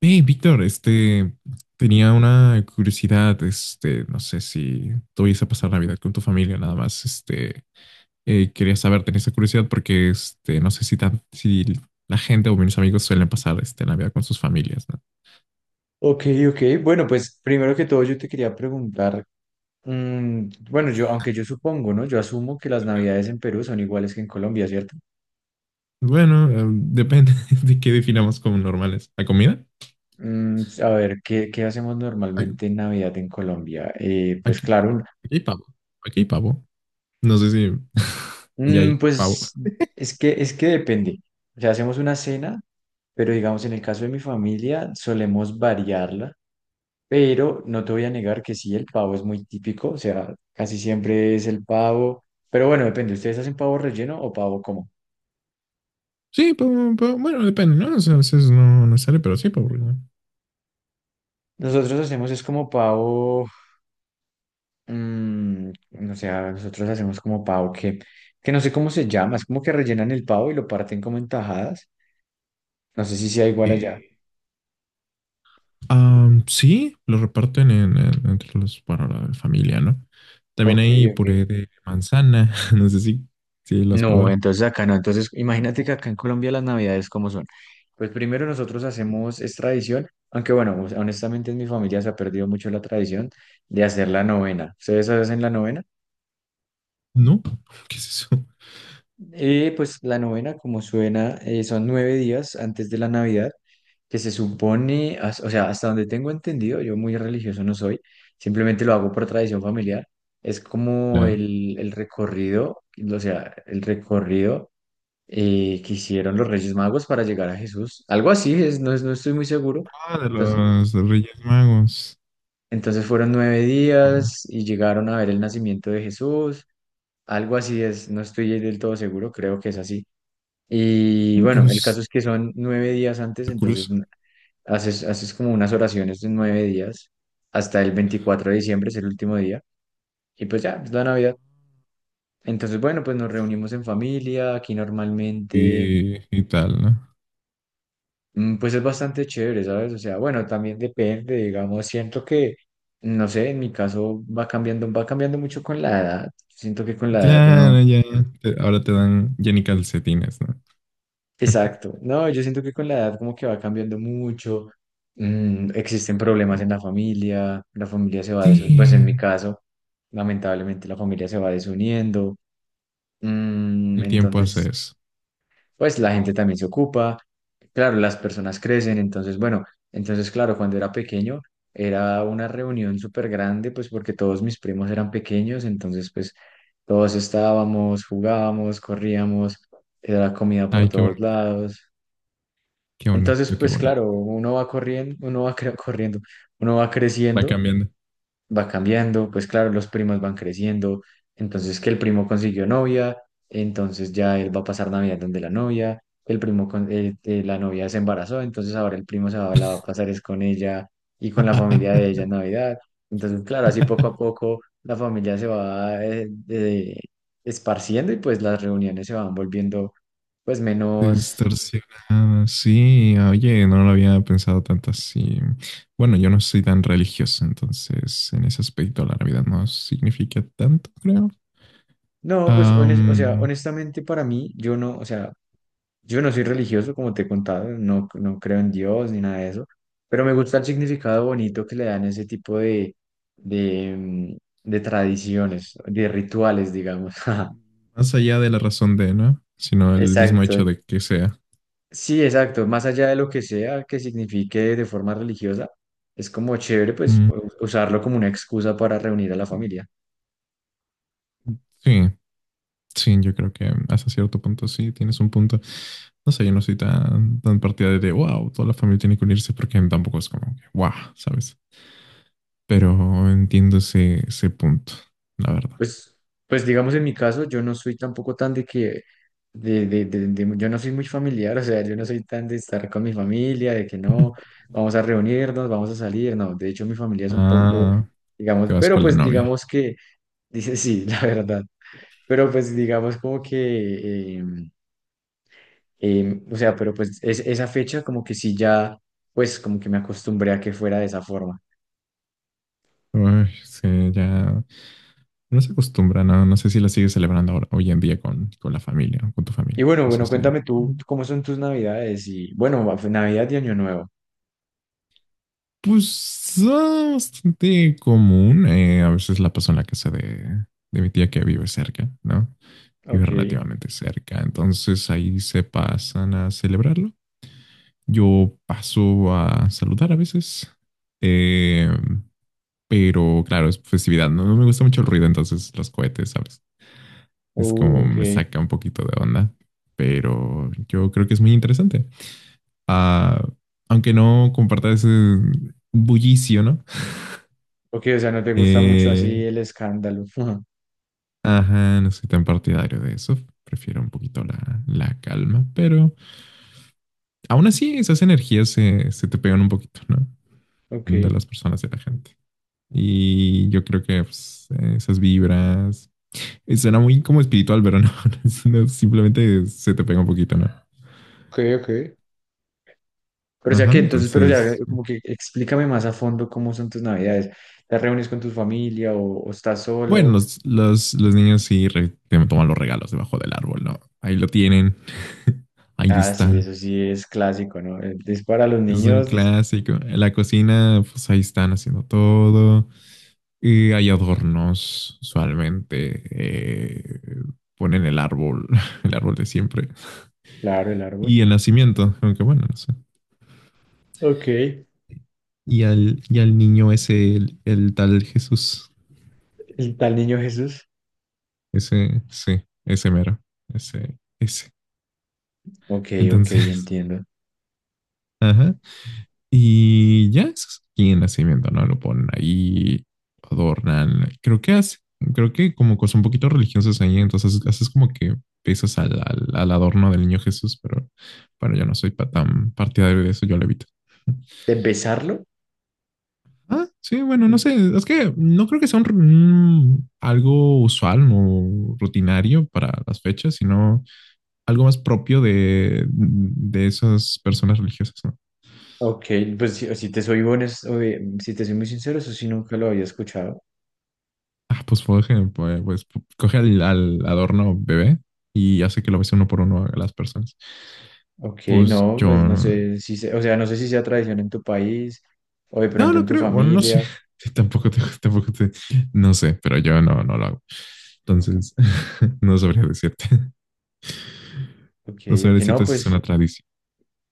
Hey, Víctor, tenía una curiosidad, no sé si tuviese a pasar Navidad con tu familia, nada más, quería saber, tenía esa curiosidad porque, no sé si la gente o mis amigos suelen pasar, Navidad con sus familias, ¿no? Ok, ok. Bueno, pues primero que todo yo te quería preguntar, mm, bueno, yo, aunque yo supongo, ¿no? Yo asumo que las navidades en Perú son iguales que en Colombia, ¿cierto? Bueno, depende de qué definamos como normales. ¿La comida? A ver, ¿qué hacemos Ay, normalmente en Navidad en Colombia? Pues Aquí, claro, aquí hay pavo, aquí hay pavo, no sé si allá hay pavo. pues es que depende. O sea, hacemos una cena, pero digamos, en el caso de mi familia, solemos variarla, pero no te voy a negar que sí, el pavo es muy típico, o sea, casi siempre es el pavo, pero bueno, depende, ¿ustedes hacen pavo relleno o pavo como? Sí, pavo, bueno, depende, ¿no? O sea, a veces no sale, pero sí, pavo, ¿no? Nosotros hacemos es como pavo, mm, o sea, nosotros hacemos como pavo que no sé cómo se llama, es como que rellenan el pavo y lo parten como en tajadas. No sé si sea Ok. igual allá. Sí, lo reparten entre los, para la familia, ¿no? También Ok, hay ok. puré de manzana, no sé si, si lo has No, probado. entonces acá no. Entonces, imagínate que acá en Colombia las navidades cómo son. Pues primero nosotros hacemos es tradición, aunque bueno, honestamente en mi familia se ha perdido mucho la tradición de hacer la novena. ¿Ustedes hacen la novena? ¿No? ¿Qué es eso? Pues la novena, como suena, son nueve días antes de la Navidad, que se supone, o sea, hasta donde tengo entendido, yo muy religioso no soy, simplemente lo hago por tradición familiar, es como La- el recorrido, o sea, el recorrido que hicieron los Reyes Magos para llegar a Jesús, algo así, es, no, no estoy muy seguro. Ah, de Entonces, los Reyes Magos. Fueron nueve Oh, días y llegaron a ver el nacimiento de Jesús, algo así es, no estoy del todo seguro, creo que es así. Y bueno, el caso pues, es que son 9 días antes, está entonces curioso. Haces como unas oraciones de 9 días hasta el 24 de diciembre, es el último día, y pues ya, es la Navidad. Entonces, bueno, pues nos reunimos en familia, aquí normalmente, Y tal, ¿no? Pues es bastante chévere, ¿sabes? O sea, bueno, también depende, digamos, siento que, no sé, en mi caso va cambiando mucho con la edad. Siento que con la edad uno. Claro, ya. Ahora te dan ya ni calcetines, ¿no? Exacto. No, yo siento que con la edad como que va cambiando mucho. Existen problemas en la familia se va desuniendo. Pues en mi Sí, caso, lamentablemente la familia se va desuniendo. El tiempo hace Entonces, eso. pues la gente también se ocupa. Claro, las personas crecen. Entonces, bueno, entonces, claro, cuando era pequeño era una reunión súper grande, pues porque todos mis primos eran pequeños. Entonces, pues todos estábamos, jugábamos, corríamos, era comida por Ay, todos lados. qué Entonces, bonito, qué pues bonito. claro, uno va corriendo, uno va corriendo, uno va Va creciendo, cambiando. va cambiando, pues claro, los primos van creciendo, entonces que el primo consiguió novia, entonces ya él va a pasar Navidad donde la novia, el primo con, la novia se embarazó, entonces ahora el primo se va, la va a pasar es con ella y con la familia de ella en Navidad. Entonces, claro, así poco a poco la familia se va esparciendo y pues las reuniones se van volviendo pues menos. Distorsionada, sí, oye, no lo había pensado tanto así. Bueno, yo no soy tan religioso, entonces en ese aspecto la Navidad no significa tanto, creo. No, pues, o sea, Am, honestamente para mí, yo no, o sea, yo no soy religioso, como te he contado, no, no creo en Dios ni nada de eso, pero me gusta el significado bonito que le dan ese tipo de, mm, de tradiciones, de rituales, digamos. más allá de la razón de, ¿no? Sino el mismo hecho Exacto. de que sea. Sí, exacto. Más allá de lo que sea que signifique de forma religiosa, es como chévere, pues, Mm, usarlo como una excusa para reunir a la familia. sí, sí, yo creo que hasta cierto punto sí, tienes un punto. No sé, yo no soy tan partidario de, wow, toda la familia tiene que unirse porque tampoco es como que, wow, ¿sabes? Pero entiendo ese punto, la verdad. Pues, pues digamos en mi caso, yo no soy tampoco tan de que, de, yo no soy muy familiar, o sea, yo no soy tan de estar con mi familia, de que no, vamos a reunirnos, vamos a salir, no, de hecho mi familia es un poco, Ah, te digamos, vas pero con la pues novia. digamos que, dice sí, la verdad. Pero pues digamos como que, o sea, pero pues esa fecha como que sí ya, pues como que me acostumbré a que fuera de esa forma. Uy, sí, ya no se acostumbra, no, no sé si la sigues celebrando hoy en día con la familia, con tu Y familia. bueno, No sé si. cuéntame tú. Mm. ¿Cómo son tus navidades? Y bueno, Navidad y Año Nuevo. Pues ah, bastante común. A veces la paso en la casa de mi tía que vive cerca, ¿no? Vive Ok. relativamente cerca. Entonces ahí se pasan a celebrarlo. Yo paso a saludar a veces. eh, pero claro, es festividad. No me gusta mucho el ruido, entonces los cohetes, ¿sabes? Es como me Ok. saca un poquito de onda, pero yo creo que es muy interesante. Ah, aunque no comparta ese bullicio, ¿no? Ok, o sea, no te gusta mucho así Eh, el escándalo. Ujú. ajá, no soy tan partidario de eso. Prefiero un poquito la calma, pero aún así esas energías se te pegan un poquito, ¿no? De Ok. las personas, de la gente. Y yo creo que pues, esas vibras. Suena muy como espiritual, pero no, simplemente se te pega un poquito, ¿no? Ok, ok. Pero o sea Ajá, que entonces, pero o sea, entonces como que explícame más a fondo cómo son tus navidades. ¿Te reúnes con tu familia o estás bueno, solo? Los niños te toman los regalos debajo del árbol, ¿no? Ahí lo tienen. Ahí Ah, sí, están. eso sí es clásico, ¿no? Es para los Es un niños, clásico. En la cocina, pues ahí están haciendo todo. Y hay adornos, usualmente. Ponen el árbol, el árbol de siempre. claro, el árbol. Y el nacimiento, aunque bueno, no sé. Ok. El Y al niño ese, el tal Jesús. tal niño Jesús. Ese, sí, ese mero. Ese. Ok, ok, Entonces, entiendo. ajá. Y ya es aquí en nacimiento, ¿no? Lo ponen ahí, adornan. Creo que como cosas un poquito religiosas ahí, entonces haces como que pesas al adorno del niño Jesús, pero bueno, yo no soy tan partidario de eso, yo lo evito. ¿De besarlo? Ah, sí, bueno, no Mm, sé, es que no creo que sea algo usual o rutinario para las fechas, sino algo más propio de esas personas religiosas, ¿no? Ok, pues si te soy muy sincero, eso sí nunca lo había escuchado. Ah, pues, por ejemplo, pues, coge al adorno bebé y hace que lo bese uno por uno a las personas. Ok, Pues no, yo, pues no no, sé o sea, no sé si sea tradición en tu país o de pronto no en tu creo, bueno, no sé, familia. tampoco te, tampoco te, no sé, pero yo no, no lo hago. Entonces, no sabría decirte, Ok, no sabría ok, no, decirte si es pues, una tradición.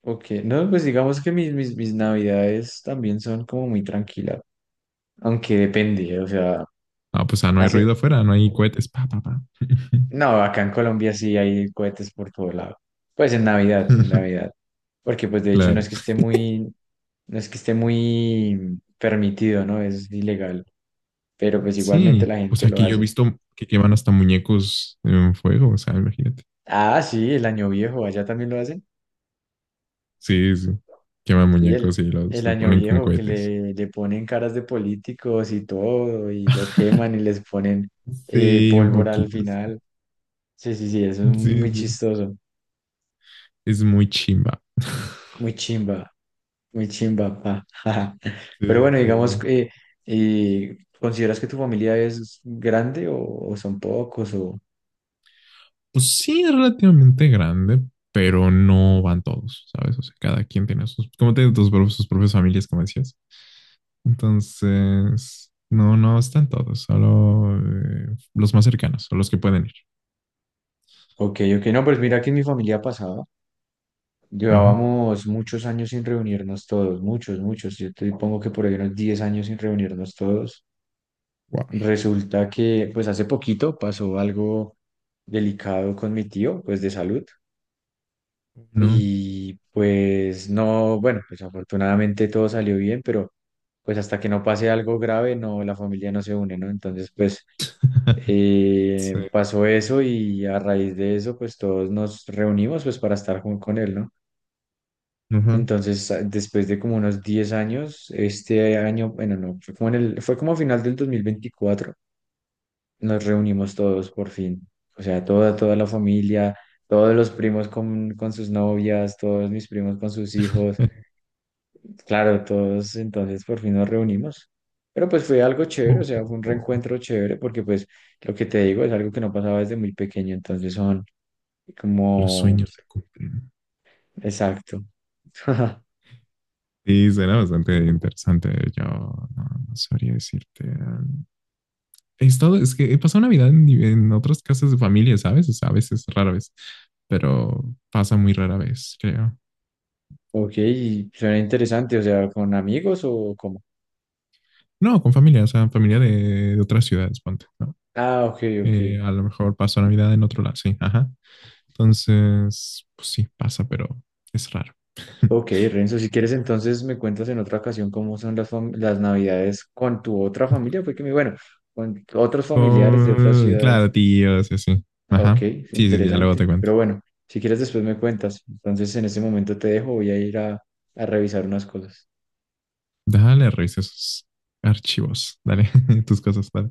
ok, no, pues digamos que mis navidades también son como muy tranquilas, aunque depende, o sea, Ah, pues, ah, no hay ruido hace, afuera, no hay cohetes, pa, pa, pa. no, acá en Colombia sí hay cohetes por todo lado. Pues en Navidad, porque pues de hecho no Claro. es que esté muy, no es que esté muy permitido, ¿no? Es ilegal, pero Ah, pues igualmente sí, la o gente sea, lo que yo he hace. visto que llevan hasta muñecos en fuego, o sea, imagínate. Ah, sí, el año viejo, allá también lo hacen. Sí, sí. Queman Sí, el, muñecos y el los año ponen con viejo que cohetes. le ponen caras de políticos y todo, y lo queman y les ponen Sí, un pólvora al poquito. final. Sí, sí, sí, eso es Sí, muy sí. chistoso, Es muy chimba. muy chimba, muy chimba, pa. Sí, Pero sí, bueno, digamos, sí. que, ¿consideras que tu familia es grande o son pocos? O, Pues sí, es relativamente grande, pero no van todos, ¿sabes? O sea, cada quien tiene sus, como tiene sus propias familias, como decías. Entonces, no, no están todos, solo los más cercanos o los que pueden ir. ok, ok, no, pues mira que en mi familia pasaba. Ajá. Llevábamos muchos años sin reunirnos todos, muchos, muchos. Yo te pongo que por ahí unos 10 años sin reunirnos todos. Wow. Resulta que, pues hace poquito pasó algo delicado con mi tío, pues de salud. No. Y pues no, bueno, pues afortunadamente todo salió bien, pero pues hasta que no pase algo grave, no, la familia no se une, ¿no? Entonces, pues Sí. pasó eso y a raíz de eso, pues todos nos reunimos pues para estar con él, ¿no? Ajá. Entonces, después de como unos 10 años, este año, bueno, no, fue como a final del 2024 nos reunimos todos por fin. O sea, toda la familia, todos los primos con sus novias, todos mis primos con sus hijos. Claro, todos entonces por fin nos reunimos. Pero pues fue algo chévere, o sea, Ojo, fue un ojo. reencuentro chévere porque pues lo que te digo es algo que no pasaba desde muy pequeño, entonces son Los como, sueños se cumplen. exacto. Sí, será bastante interesante. Yo no, no sabría decirte. He estado, es que he pasado Navidad en otras casas de familia, ¿sabes? O sea, a veces, rara vez, pero pasa muy rara vez, creo. Ok, suena interesante, o sea, ¿con amigos o cómo? No, con familia, o sea, familia de otras ciudades, ponte, ¿no? Ah, ok, ok. A lo mejor paso Navidad en otro lado, sí, ajá. Entonces, pues sí, pasa, pero es raro. Ok, Renzo, si quieres entonces me cuentas en otra ocasión cómo son las navidades con tu otra familia, fue que me, bueno, con otros familiares de otras Con, ciudades. claro, tíos, sí, sí. Ok, Ajá. Sí, sí, sí, ya luego te interesante, cuento. pero bueno, si quieres después me cuentas. Entonces en este momento te dejo, voy a ir a revisar unas cosas. Dale, revisa esos archivos. Dale, tus cosas, dale.